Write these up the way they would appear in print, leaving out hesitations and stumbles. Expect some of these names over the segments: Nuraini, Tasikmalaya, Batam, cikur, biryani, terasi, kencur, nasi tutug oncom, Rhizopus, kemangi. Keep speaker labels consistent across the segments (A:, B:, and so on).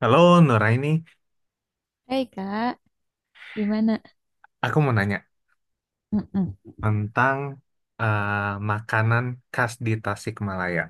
A: Halo Nuraini,
B: Hei kak, gimana?
A: aku mau nanya
B: Mm-mm.
A: tentang eh, makanan khas di Tasikmalaya.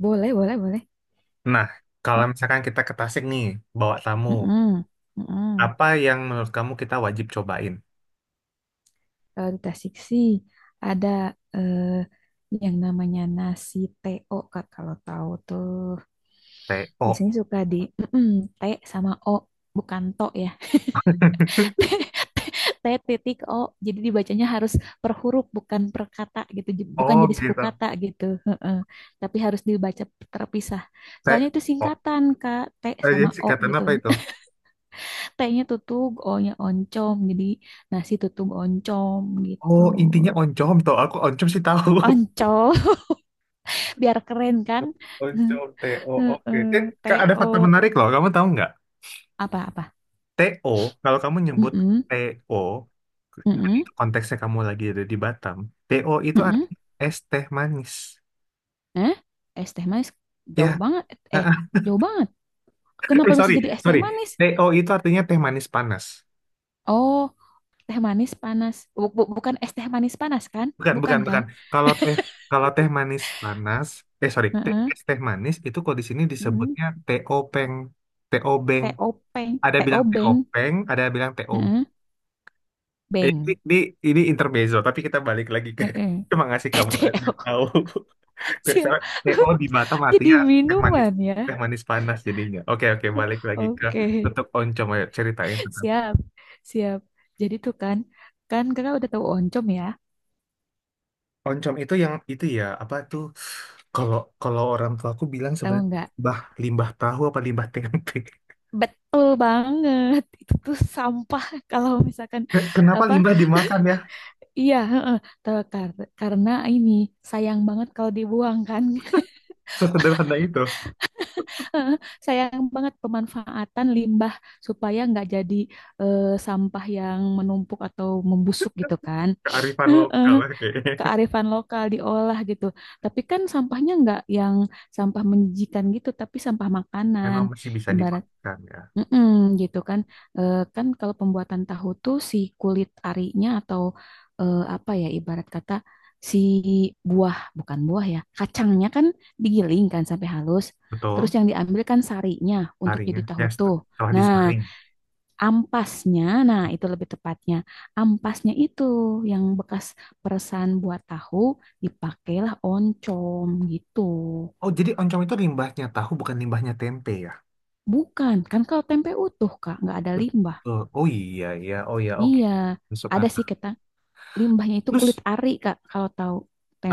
B: Boleh, boleh, boleh.
A: Nah, kalau
B: Mak
A: misalkan kita ke Tasik nih, bawa tamu,
B: mm-mm, mm-mm.
A: apa yang menurut kamu kita wajib cobain?
B: Kalau di Tasik sih ada eh, yang namanya nasi TO kak. Kalau tahu tuh
A: TO.
B: biasanya suka di T sama O, bukan to ya. T, T titik O. Jadi dibacanya harus per huruf, bukan per kata gitu. Bukan
A: Oh
B: jadi suku
A: gitu.
B: kata gitu. Heeh. Tapi harus dibaca terpisah. Soalnya itu
A: TO.
B: singkatan kak, T
A: Eh,
B: sama
A: jadi
B: O
A: singkatan
B: gitu.
A: apa itu?
B: T-nya tutug, O-nya oncom. Jadi nasi tutug oncom gitu.
A: Oh, intinya oncom toh. Aku oncom sih tahu.
B: Oncom, biar keren kan?
A: Oncom, TO, oke. Eh,
B: Heeh,
A: ada fakta
B: T-O
A: menarik loh. Kamu tahu nggak?
B: apa-apa?
A: TO, kalau kamu nyebut
B: Mm-mm,
A: TO,
B: mm-mm,
A: konteksnya kamu lagi ada di Batam, TO itu
B: mm-mm.
A: artinya es teh manis.
B: Eh, es teh manis jauh
A: Ya,
B: banget. Eh, jauh banget. Kenapa
A: eh,
B: bisa jadi es teh
A: sorry.
B: manis?
A: TO itu artinya teh manis panas.
B: Oh, teh manis panas. Bukan es teh manis panas kan?
A: Bukan,
B: Bukan
A: bukan,
B: kan?
A: bukan. Kalau teh kalau teh manis panas, eh sorry,
B: Heeh.
A: es teh manis itu kalau di sini
B: Mm-mm.
A: disebutnya TO Peng, TO Beng.
B: T-O-P,
A: Ada bilang TO
B: T-O-Beng.
A: Peng, ada bilang TO.
B: Heeh,
A: Ini,
B: Beng.
A: ini, ini intermezzo, tapi kita balik lagi ke
B: Heeh.
A: cuma ngasih kamu
B: T
A: aja
B: O
A: tahu.
B: siap.
A: Misalnya PO di Batam
B: Jadi
A: artinya teh manis
B: minuman ya.
A: teh manis panas jadinya. Oke oke balik lagi ke
B: Oke.
A: tutuk oncom ayo ceritain tentang
B: Siap. Siap. Jadi tuh kan, kan kakak udah tahu oncom ya.
A: oncom itu yang itu ya apa tuh kalau kalau orang tua aku bilang
B: Tahu
A: sebenarnya
B: nggak?
A: limbah limbah tahu apa limbah tempe.
B: Betul banget. Itu tuh sampah kalau misalkan
A: Kenapa
B: apa?
A: limbah dimakan ya?
B: Iya, heeh. Tahu karena ini sayang banget kalau dibuang kan.
A: Sesederhana itu
B: Sayang banget pemanfaatan limbah supaya nggak jadi eh, sampah yang menumpuk atau membusuk gitu kan.
A: kearifan
B: Heeh.
A: lokal oke.
B: Kearifan lokal diolah gitu. Tapi kan sampahnya nggak yang sampah menjijikan gitu, tapi sampah makanan.
A: Memang masih bisa
B: Ibarat
A: dimakan ya.
B: mm-mm, gitu kan. Eh, kan kalau pembuatan tahu tuh si kulit arinya atau apa ya ibarat kata si buah, bukan buah ya, kacangnya kan digiling kan sampai halus. Terus
A: Betul.
B: yang diambil kan sarinya untuk
A: Harinya
B: jadi tahu
A: ya
B: tuh.
A: setelah
B: Nah,
A: disaring.
B: ampasnya, nah itu lebih tepatnya. Ampasnya itu yang bekas peresan buat tahu dipakailah oncom gitu.
A: Oh jadi oncom itu limbahnya tahu bukan limbahnya tempe ya?
B: Bukan, kan kalau tempe utuh Kak, nggak ada limbah.
A: Betul. Oh iya, iya. Oh iya, oke.
B: Iya,
A: Masuk
B: ada sih
A: akal.
B: kita limbahnya itu kulit
A: Terus,
B: ari Kak, kalau tahu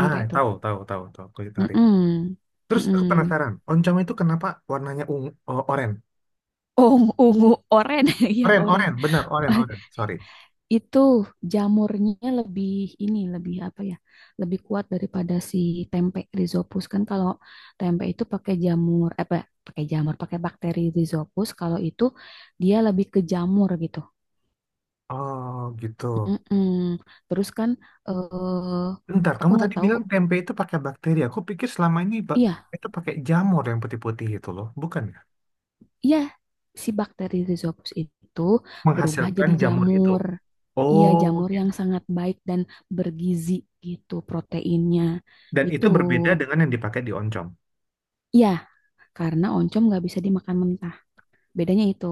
A: ah,
B: tuh.
A: tahu. Kulit tarik.
B: Mm-mm.
A: Terus aku
B: Mm-mm.
A: penasaran, oncom itu kenapa warnanya ungu, oh, oren?
B: Ungu, ungu, oren, iya
A: Oren,
B: oren.
A: oren, benar, oren, oren. Sorry.
B: Itu jamurnya lebih ini lebih apa ya lebih kuat daripada si tempe rizopus kan kalau tempe itu pakai jamur eh, pakai jamur pakai bakteri rizopus kalau itu dia lebih ke jamur gitu.
A: Oh, gitu.
B: Mm-mm. Terus kan eh
A: Bentar,
B: aku
A: kamu
B: nggak
A: tadi
B: tahu
A: bilang tempe itu pakai bakteri. Aku pikir selama ini
B: iya
A: itu pakai jamur yang putih-putih itu loh, bukan ya?
B: iya si bakteri rizopus itu berubah
A: Menghasilkan
B: jadi
A: jamur itu.
B: jamur iya
A: Oh,
B: jamur
A: gitu.
B: yang sangat baik dan bergizi gitu proteinnya
A: Dan
B: gitu.
A: itu berbeda dengan yang dipakai di oncom.
B: Iya, karena oncom nggak bisa dimakan mentah. Bedanya itu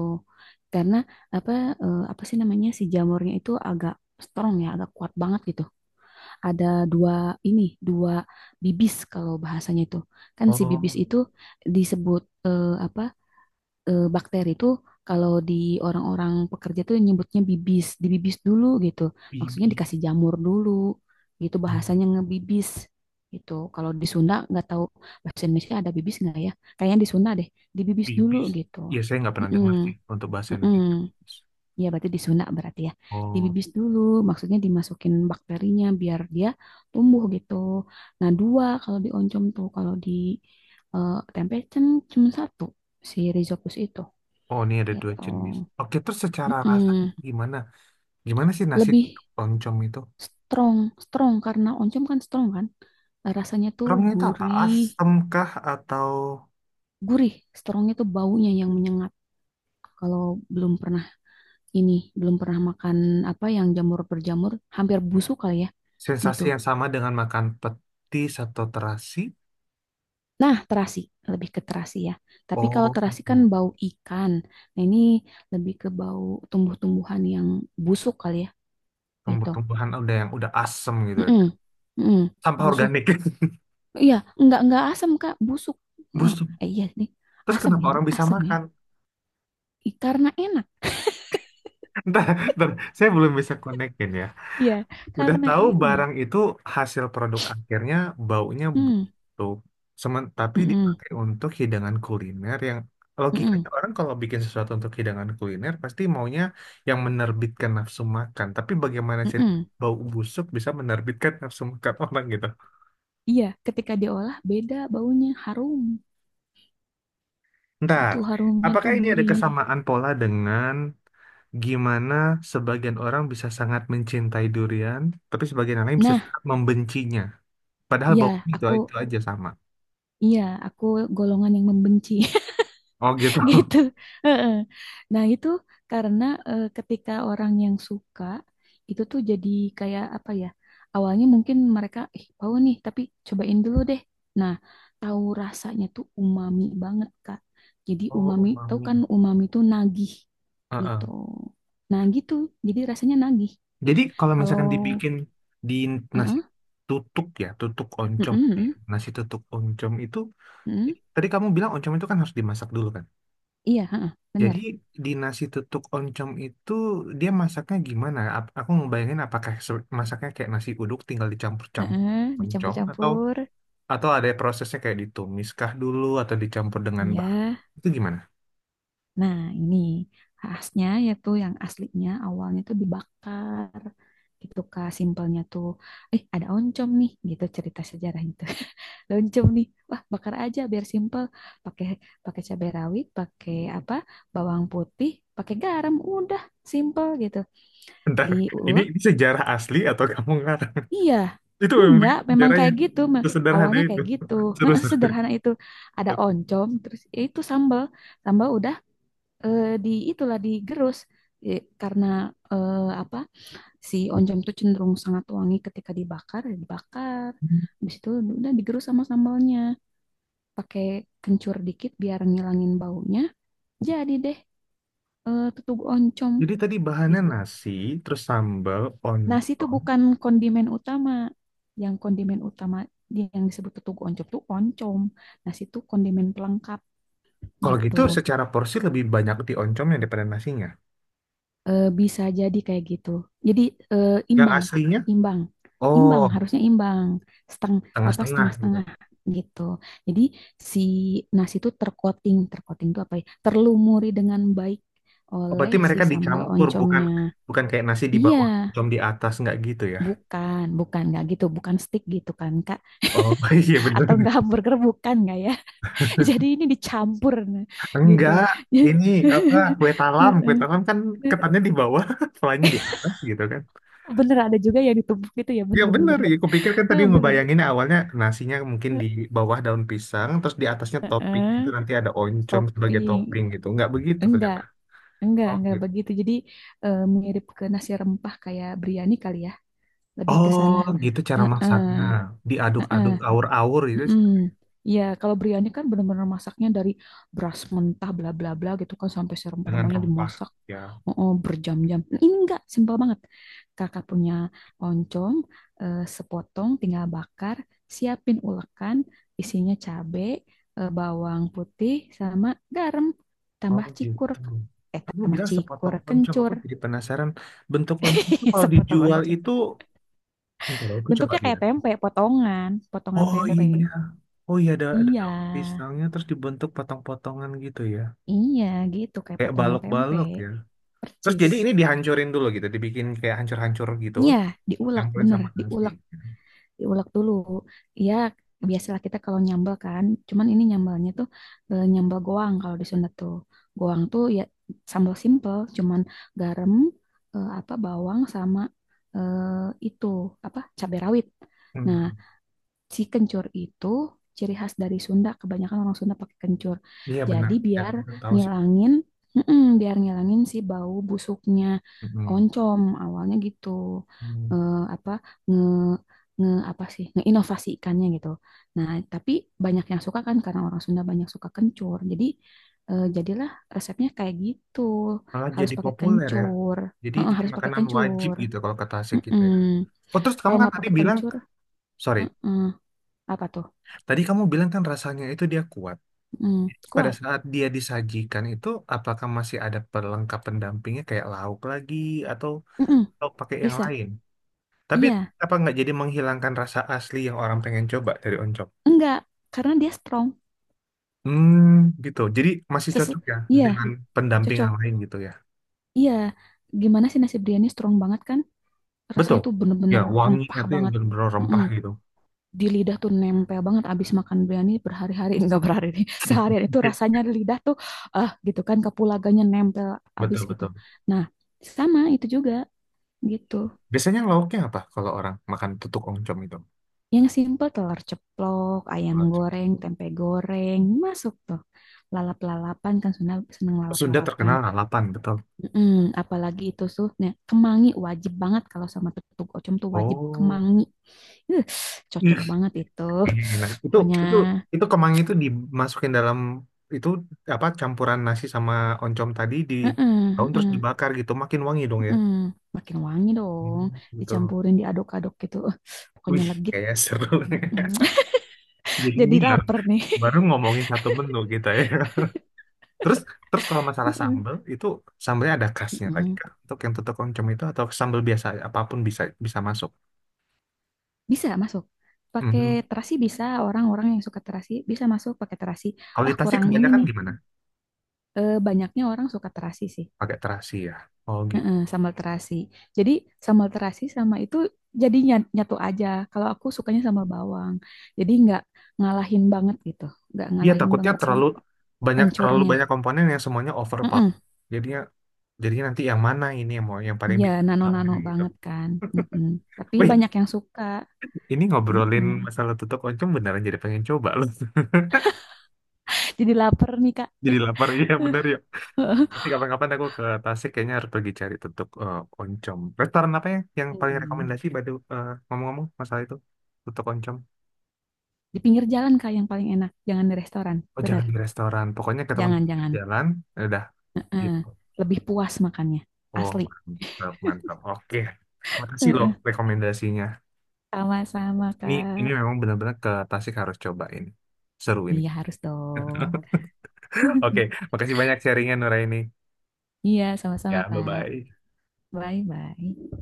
B: karena apa apa sih namanya si jamurnya itu agak strong ya, agak kuat banget gitu. Ada dua ini dua bibis kalau bahasanya itu kan si bibis
A: Oh,
B: itu disebut eh, bakteri itu kalau di orang-orang pekerja tuh nyebutnya bibis, dibibis dulu gitu. Maksudnya
A: bibis.
B: dikasih jamur dulu gitu bahasanya ngebibis gitu. Kalau di Sunda nggak tahu bahasa Indonesia ada bibis nggak ya? Kayaknya di Sunda deh, dibibis dulu
A: Bibis.
B: gitu.
A: Ya, saya nggak pernah
B: Mm-mm,
A: dengar sih untuk bahasa
B: mm-mm.
A: Indonesia. Bibis.
B: Ya berarti di Sunda berarti ya.
A: Oh,
B: Dibibis dulu, maksudnya dimasukin bakterinya biar dia tumbuh gitu. Nah, dua kalau di oncom tuh, kalau di tempe cuma satu si Rhizopus itu
A: oh ini ada dua
B: gitu.
A: jenis. Oke, terus secara rasa
B: Mm-mm.
A: gimana? Gimana sih nasi
B: Lebih
A: oncom itu?
B: strong, strong karena oncom kan strong kan. Rasanya tuh
A: Terongnya itu apa?
B: gurih,
A: Asam kah atau
B: gurih. Strongnya tuh baunya yang menyengat. Kalau belum pernah ini, belum pernah makan apa yang jamur berjamur, hampir busuk kali ya gitu.
A: sensasi yang sama dengan makan petis atau terasi?
B: Nah, terasi, lebih ke terasi ya. Tapi kalau
A: Oh,
B: terasi kan bau ikan. Nah, ini lebih ke bau tumbuh-tumbuhan yang busuk kali ya gitu.
A: tumbuh-tumbuhan udah yang udah asem gitu.
B: Mm-mm. Mm-mm.
A: Sampah
B: Busuk.
A: organik.
B: Iya, enggak asam Kak, busuk. Heeh.
A: Busuk.
B: Eh, iya nih,
A: Terus
B: asam
A: kenapa
B: ya,
A: orang bisa
B: asam ya.
A: makan?
B: Ih, karena enak.
A: Ntar, ntar, saya belum bisa konekin ya.
B: Iya,
A: Udah
B: karena
A: tahu
B: enak.
A: barang itu hasil produk akhirnya baunya
B: Hmm,
A: busuk. Semen, tapi
B: mm-mm,
A: dipakai untuk hidangan kuliner yang
B: mm-mm,
A: logikanya orang kalau bikin sesuatu untuk hidangan kuliner pasti maunya yang menerbitkan nafsu makan. Tapi bagaimana cerita
B: mm-mm.
A: bau busuk bisa menerbitkan nafsu makan orang gitu?
B: Iya, ketika diolah beda baunya, harum.
A: Ntar,
B: Itu harumnya
A: apakah
B: tuh
A: ini ada
B: gurih.
A: kesamaan pola dengan gimana sebagian orang bisa sangat mencintai durian, tapi sebagian orang lain bisa
B: Nah,
A: sangat membencinya? Padahal
B: ya
A: baunya
B: aku,
A: itu aja sama.
B: iya aku golongan yang membenci
A: Oh gitu.
B: gitu. Heeh. Nah, itu karena ketika orang yang suka itu tuh jadi kayak apa ya? Awalnya mungkin mereka ih tahu nih, tapi cobain dulu deh. Nah, tahu rasanya tuh umami banget, Kak. Jadi
A: Oh,
B: umami, tahu
A: umami.
B: kan umami tuh nagih
A: Heeh.
B: gitu. Nah, gitu. Jadi rasanya nagih.
A: Jadi kalau
B: Kalau
A: misalkan dibikin di nasi
B: heeh,
A: tutuk ya, tutuk
B: heeh,
A: oncom, ya,
B: heeh,
A: nasi tutuk oncom itu,
B: heeh.
A: tadi kamu bilang oncom itu kan harus dimasak dulu kan?
B: Iya, heeh,
A: Jadi
B: benar.
A: di nasi tutuk oncom itu dia masaknya gimana? Aku ngebayangin apakah masaknya kayak nasi uduk tinggal dicampur-campur
B: Heeh,
A: oncom atau
B: dicampur-campur.
A: ada prosesnya kayak ditumis kah dulu atau dicampur dengan
B: Iya.
A: bahan itu gimana?
B: Nah, ini khasnya yaitu yang aslinya awalnya tuh dibakar gitu Kak, simpelnya tuh ada oncom nih gitu cerita sejarah itu. Ada oncom nih. Wah, bakar aja biar simpel. Pakai pakai cabai rawit, pakai apa? Bawang putih, pakai garam, udah simpel gitu.
A: Bentar,
B: Diulek.
A: ini sejarah asli atau kamu ngarang?
B: Iya.
A: Itu memang
B: Enggak,
A: begitu
B: memang
A: sejarahnya.
B: kayak gitu. Ma.
A: Sesederhana
B: Awalnya
A: itu.
B: kayak gitu.
A: Seru.
B: Sederhana itu. Ada
A: Oke.
B: oncom, terus ya itu sambal. Sambal udah di itulah digerus. Eh, karena eh, si oncom tuh cenderung sangat wangi ketika dibakar ya dibakar habis itu udah digerus sama sambalnya pakai kencur dikit biar ngilangin baunya jadi deh tutug oncom.
A: Jadi tadi bahannya
B: Di-
A: nasi, terus sambal,
B: Nasi itu
A: oncom.
B: bukan kondimen utama yang kondimen utama yang disebut tutug oncom tuh oncom nasi itu kondimen pelengkap
A: Kalau
B: gitu.
A: gitu secara porsi lebih banyak di oncomnya daripada nasinya.
B: Eh, bisa jadi kayak gitu. Jadi
A: Yang
B: imbang Kak,
A: aslinya,
B: imbang. Imbang
A: oh,
B: harusnya imbang. Seteng apa
A: tengah-setengah gitu.
B: setengah-setengah gitu. Jadi si nasi itu tercoating, tercoating itu apa ya? Terlumuri dengan baik
A: Oh,
B: oleh
A: berarti
B: si
A: mereka
B: sambal
A: dicampur, bukan
B: oncomnya.
A: bukan kayak nasi di
B: Iya,
A: bawah, oncom di atas, nggak gitu ya?
B: bukan, bukan nggak gitu, bukan stick gitu kan Kak?
A: Oh, iya
B: Atau
A: bener.
B: nggak hamburger bukan nggak ya? Jadi ini dicampur nah, gitu.
A: Enggak, ini apa, kue talam. Kue
B: Heeh.
A: talam kan ketannya di bawah, selainya di atas gitu kan.
B: Bener ada juga yang ditumbuk gitu ya,
A: Ya bener,
B: bener-bener.
A: ya kupikir kan tadi
B: Eh, bener.
A: ngebayangin awalnya nasinya mungkin
B: Eh,
A: di bawah daun pisang, terus di atasnya
B: eh,
A: topping itu
B: eh,
A: nanti ada oncom sebagai
B: Topping.
A: topping gitu. Nggak begitu
B: Enggak,
A: ternyata. Oh
B: enggak
A: gitu.
B: begitu. Jadi mirip ke nasi rempah kayak biryani kali ya. Lebih ke
A: Oh
B: sana.
A: gitu cara
B: Heeh,
A: masaknya.
B: heeh.
A: Diaduk-aduk awur-awur itu
B: Mm-mm. Iya, kalau biryani kan benar-benar masaknya dari beras mentah bla bla bla gitu kan sampai
A: dengan
B: serem-seremnya
A: rempah
B: dimasak
A: ya.
B: oh, berjam-jam. Nah, ini enggak, simpel banget. Kakak punya oncom sepotong tinggal bakar, siapin ulekan, isinya cabe, bawang putih sama garam.
A: Oh
B: Tambah cikur.
A: gitu.
B: Eh,
A: Kamu
B: tambah
A: bilang
B: cikur,
A: sepotong oncom, aku
B: kencur.
A: jadi penasaran bentuk oncom itu kalau
B: Sepotong
A: dijual
B: oncom.
A: itu. Entar, aku coba
B: Bentuknya kayak
A: lihat.
B: tempe, potongan, potongan
A: Oh
B: tempe.
A: iya, oh iya ada
B: Iya.
A: daun pisangnya terus dibentuk potong-potongan gitu ya,
B: Iya gitu kayak
A: kayak
B: potongan tempe,
A: balok-balok ya. Terus
B: percis.
A: jadi ini dihancurin dulu gitu, dibikin kayak hancur-hancur gitu,
B: Iya diulek
A: campurin
B: bener,
A: sama nasi.
B: diulek, diulek dulu. Iya biasalah kita kalau nyambel kan, cuman ini nyambalnya tuh nyambel goang kalau di Sunda tuh. Goang tuh ya sambal simple, cuman garam, eh, bawang sama eh, itu apa cabai rawit.
A: Hmm.
B: Nah si kencur itu ciri khas dari Sunda. Kebanyakan orang Sunda pakai kencur.
A: Iya benar,
B: Jadi
A: ya,
B: biar
A: aku tahu sih.
B: ngilangin, mm-mm, biar ngilangin si bau busuknya
A: Mm-mm.
B: oncom. Awalnya gitu.
A: Hmm.
B: Eh, apa nge nge apa sih ngeinovasikannya gitu. Nah, tapi banyak yang suka kan karena orang Sunda banyak suka kencur. Jadi jadilah resepnya kayak gitu.
A: Malah
B: Harus
A: jadi
B: pakai
A: populer ya.
B: kencur. Heeh,
A: Jadi
B: harus pakai
A: makanan wajib
B: kencur.
A: gitu kalau ke Tasik gitu ya.
B: Mm-mm.
A: Oh terus kamu
B: Kalau
A: kan
B: nggak
A: tadi
B: pakai
A: bilang,
B: kencur,
A: sorry,
B: mm-mm. Apa tuh?
A: tadi kamu bilang kan rasanya itu dia kuat.
B: Mm,
A: Pada
B: kuat.
A: saat dia disajikan itu, apakah masih ada pelengkap pendampingnya kayak lauk lagi atau
B: Mm-mm,
A: pakai yang
B: bisa.
A: lain? Tapi
B: Iya.
A: apa nggak jadi menghilangkan rasa asli yang orang pengen coba dari oncom?
B: Enggak. Karena dia strong.
A: Hmm, gitu. Jadi masih
B: Sesu-
A: cocok ya dengan
B: iya.
A: pendamping
B: Cocok.
A: yang lain gitu ya.
B: Iya. Gimana sih nasi biryani strong banget kan?
A: Betul.
B: Rasanya tuh
A: Ya,
B: bener-bener
A: wangi
B: rempah
A: itu yang
B: banget.
A: benar-benar
B: Mm-mm.
A: rempah gitu.
B: Di lidah tuh nempel banget. Abis makan biryani berhari-hari. Enggak berhari nih. Seharian itu
A: Oke.
B: rasanya di lidah tuh. Ah gitu kan. Kapulagannya nempel abis gitu.
A: Betul.
B: Nah. Sama itu juga. Gitu.
A: Biasanya lauknya apa kalau orang makan tutuk oncom itu?
B: Yang simple telur ceplok, ayam
A: Kalau oncom.
B: goreng, tempe goreng, masuk tuh. Lalap-lalapan kan seneng, seneng
A: Sunda
B: lalap-lalapan.
A: terkenal lalapan, betul.
B: Mm-mm, apalagi itu tuh, nah, kemangi wajib banget kalau sama tutug ocom tuh wajib
A: Oh,
B: kemangi. Uh, cocok
A: Ih,
B: banget itu.
A: gila.
B: Pokoknya,
A: Itu itu kemangi itu dimasukin dalam itu apa campuran nasi sama oncom tadi di daun
B: mm-mm,
A: terus
B: mm-mm,
A: dibakar gitu, makin wangi dong ya.
B: mm-mm. Makin wangi dong,
A: Hmm, betul.
B: dicampurin, diaduk-aduk gitu. Pokoknya
A: Wih,
B: legit.
A: kayak seru.
B: Mm-mm.
A: Jadi
B: Jadi
A: ngiler.
B: lapar nih.
A: Baru ngomongin satu menu gitu ya. Terus terus kalau masalah sambel itu sambelnya ada khasnya lagi
B: Mm-mm.
A: kan? Untuk yang tutuk oncom itu atau sambel biasa apapun bisa bisa masuk.
B: Bisa masuk. Pakai
A: Mhm.
B: terasi bisa, orang-orang yang suka terasi bisa masuk pakai terasi.
A: Kalau di
B: Ah,
A: Tasik
B: kurang ini
A: kebanyakan
B: nih.
A: gimana?
B: Eh, banyaknya orang suka terasi sih.
A: Pakai terasi ya. Oh gitu.
B: Heeh, sambal terasi. Jadi sambal terasi sama itu jadi nyatu aja. Kalau aku sukanya sambal bawang. Jadi nggak ngalahin banget gitu. Nggak
A: Iya
B: ngalahin
A: takutnya
B: banget si
A: terlalu
B: pencurnya.
A: banyak komponen yang semuanya overpower.
B: Heeh.
A: Jadinya jadinya nanti yang mana ini yang mau yang paling
B: Iya,
A: bintang
B: nano-nano
A: tamunya gitu.
B: banget kan. Heeh. Tapi
A: Wih,
B: banyak yang suka.
A: ini ngobrolin
B: Heeh.
A: masalah tutuk oncom beneran jadi pengen coba loh.
B: Jadi lapar nih, Kak. Ya.
A: Jadi lapar iya bener ya. Nanti kapan-kapan aku ke Tasik kayaknya harus pergi cari tutup eh, oncom. Restoran apa ya yang paling
B: Hmm.
A: rekomendasi Badu eh, ngomong-ngomong masalah itu tutup oncom.
B: Di pinggir jalan Kak yang paling enak, jangan di restoran.
A: Oh
B: Benar,
A: jangan di restoran, pokoknya ketemu di
B: jangan
A: pinggir
B: jangan.
A: jalan, ya udah
B: Heeh.
A: gitu.
B: Lebih puas makannya,
A: Oh
B: asli.
A: mantap mantap. Oke, makasih loh
B: Heeh.
A: rekomendasinya.
B: Sama-sama
A: Ini ini
B: Kak.
A: memang benar-benar ke Tasik harus cobain. Seru ini.
B: Iya harus dong.
A: Oke, makasih banyak sharingnya Nuraini.
B: Iya sama-sama
A: Ya,
B: Kak.
A: bye-bye.
B: Bye bye.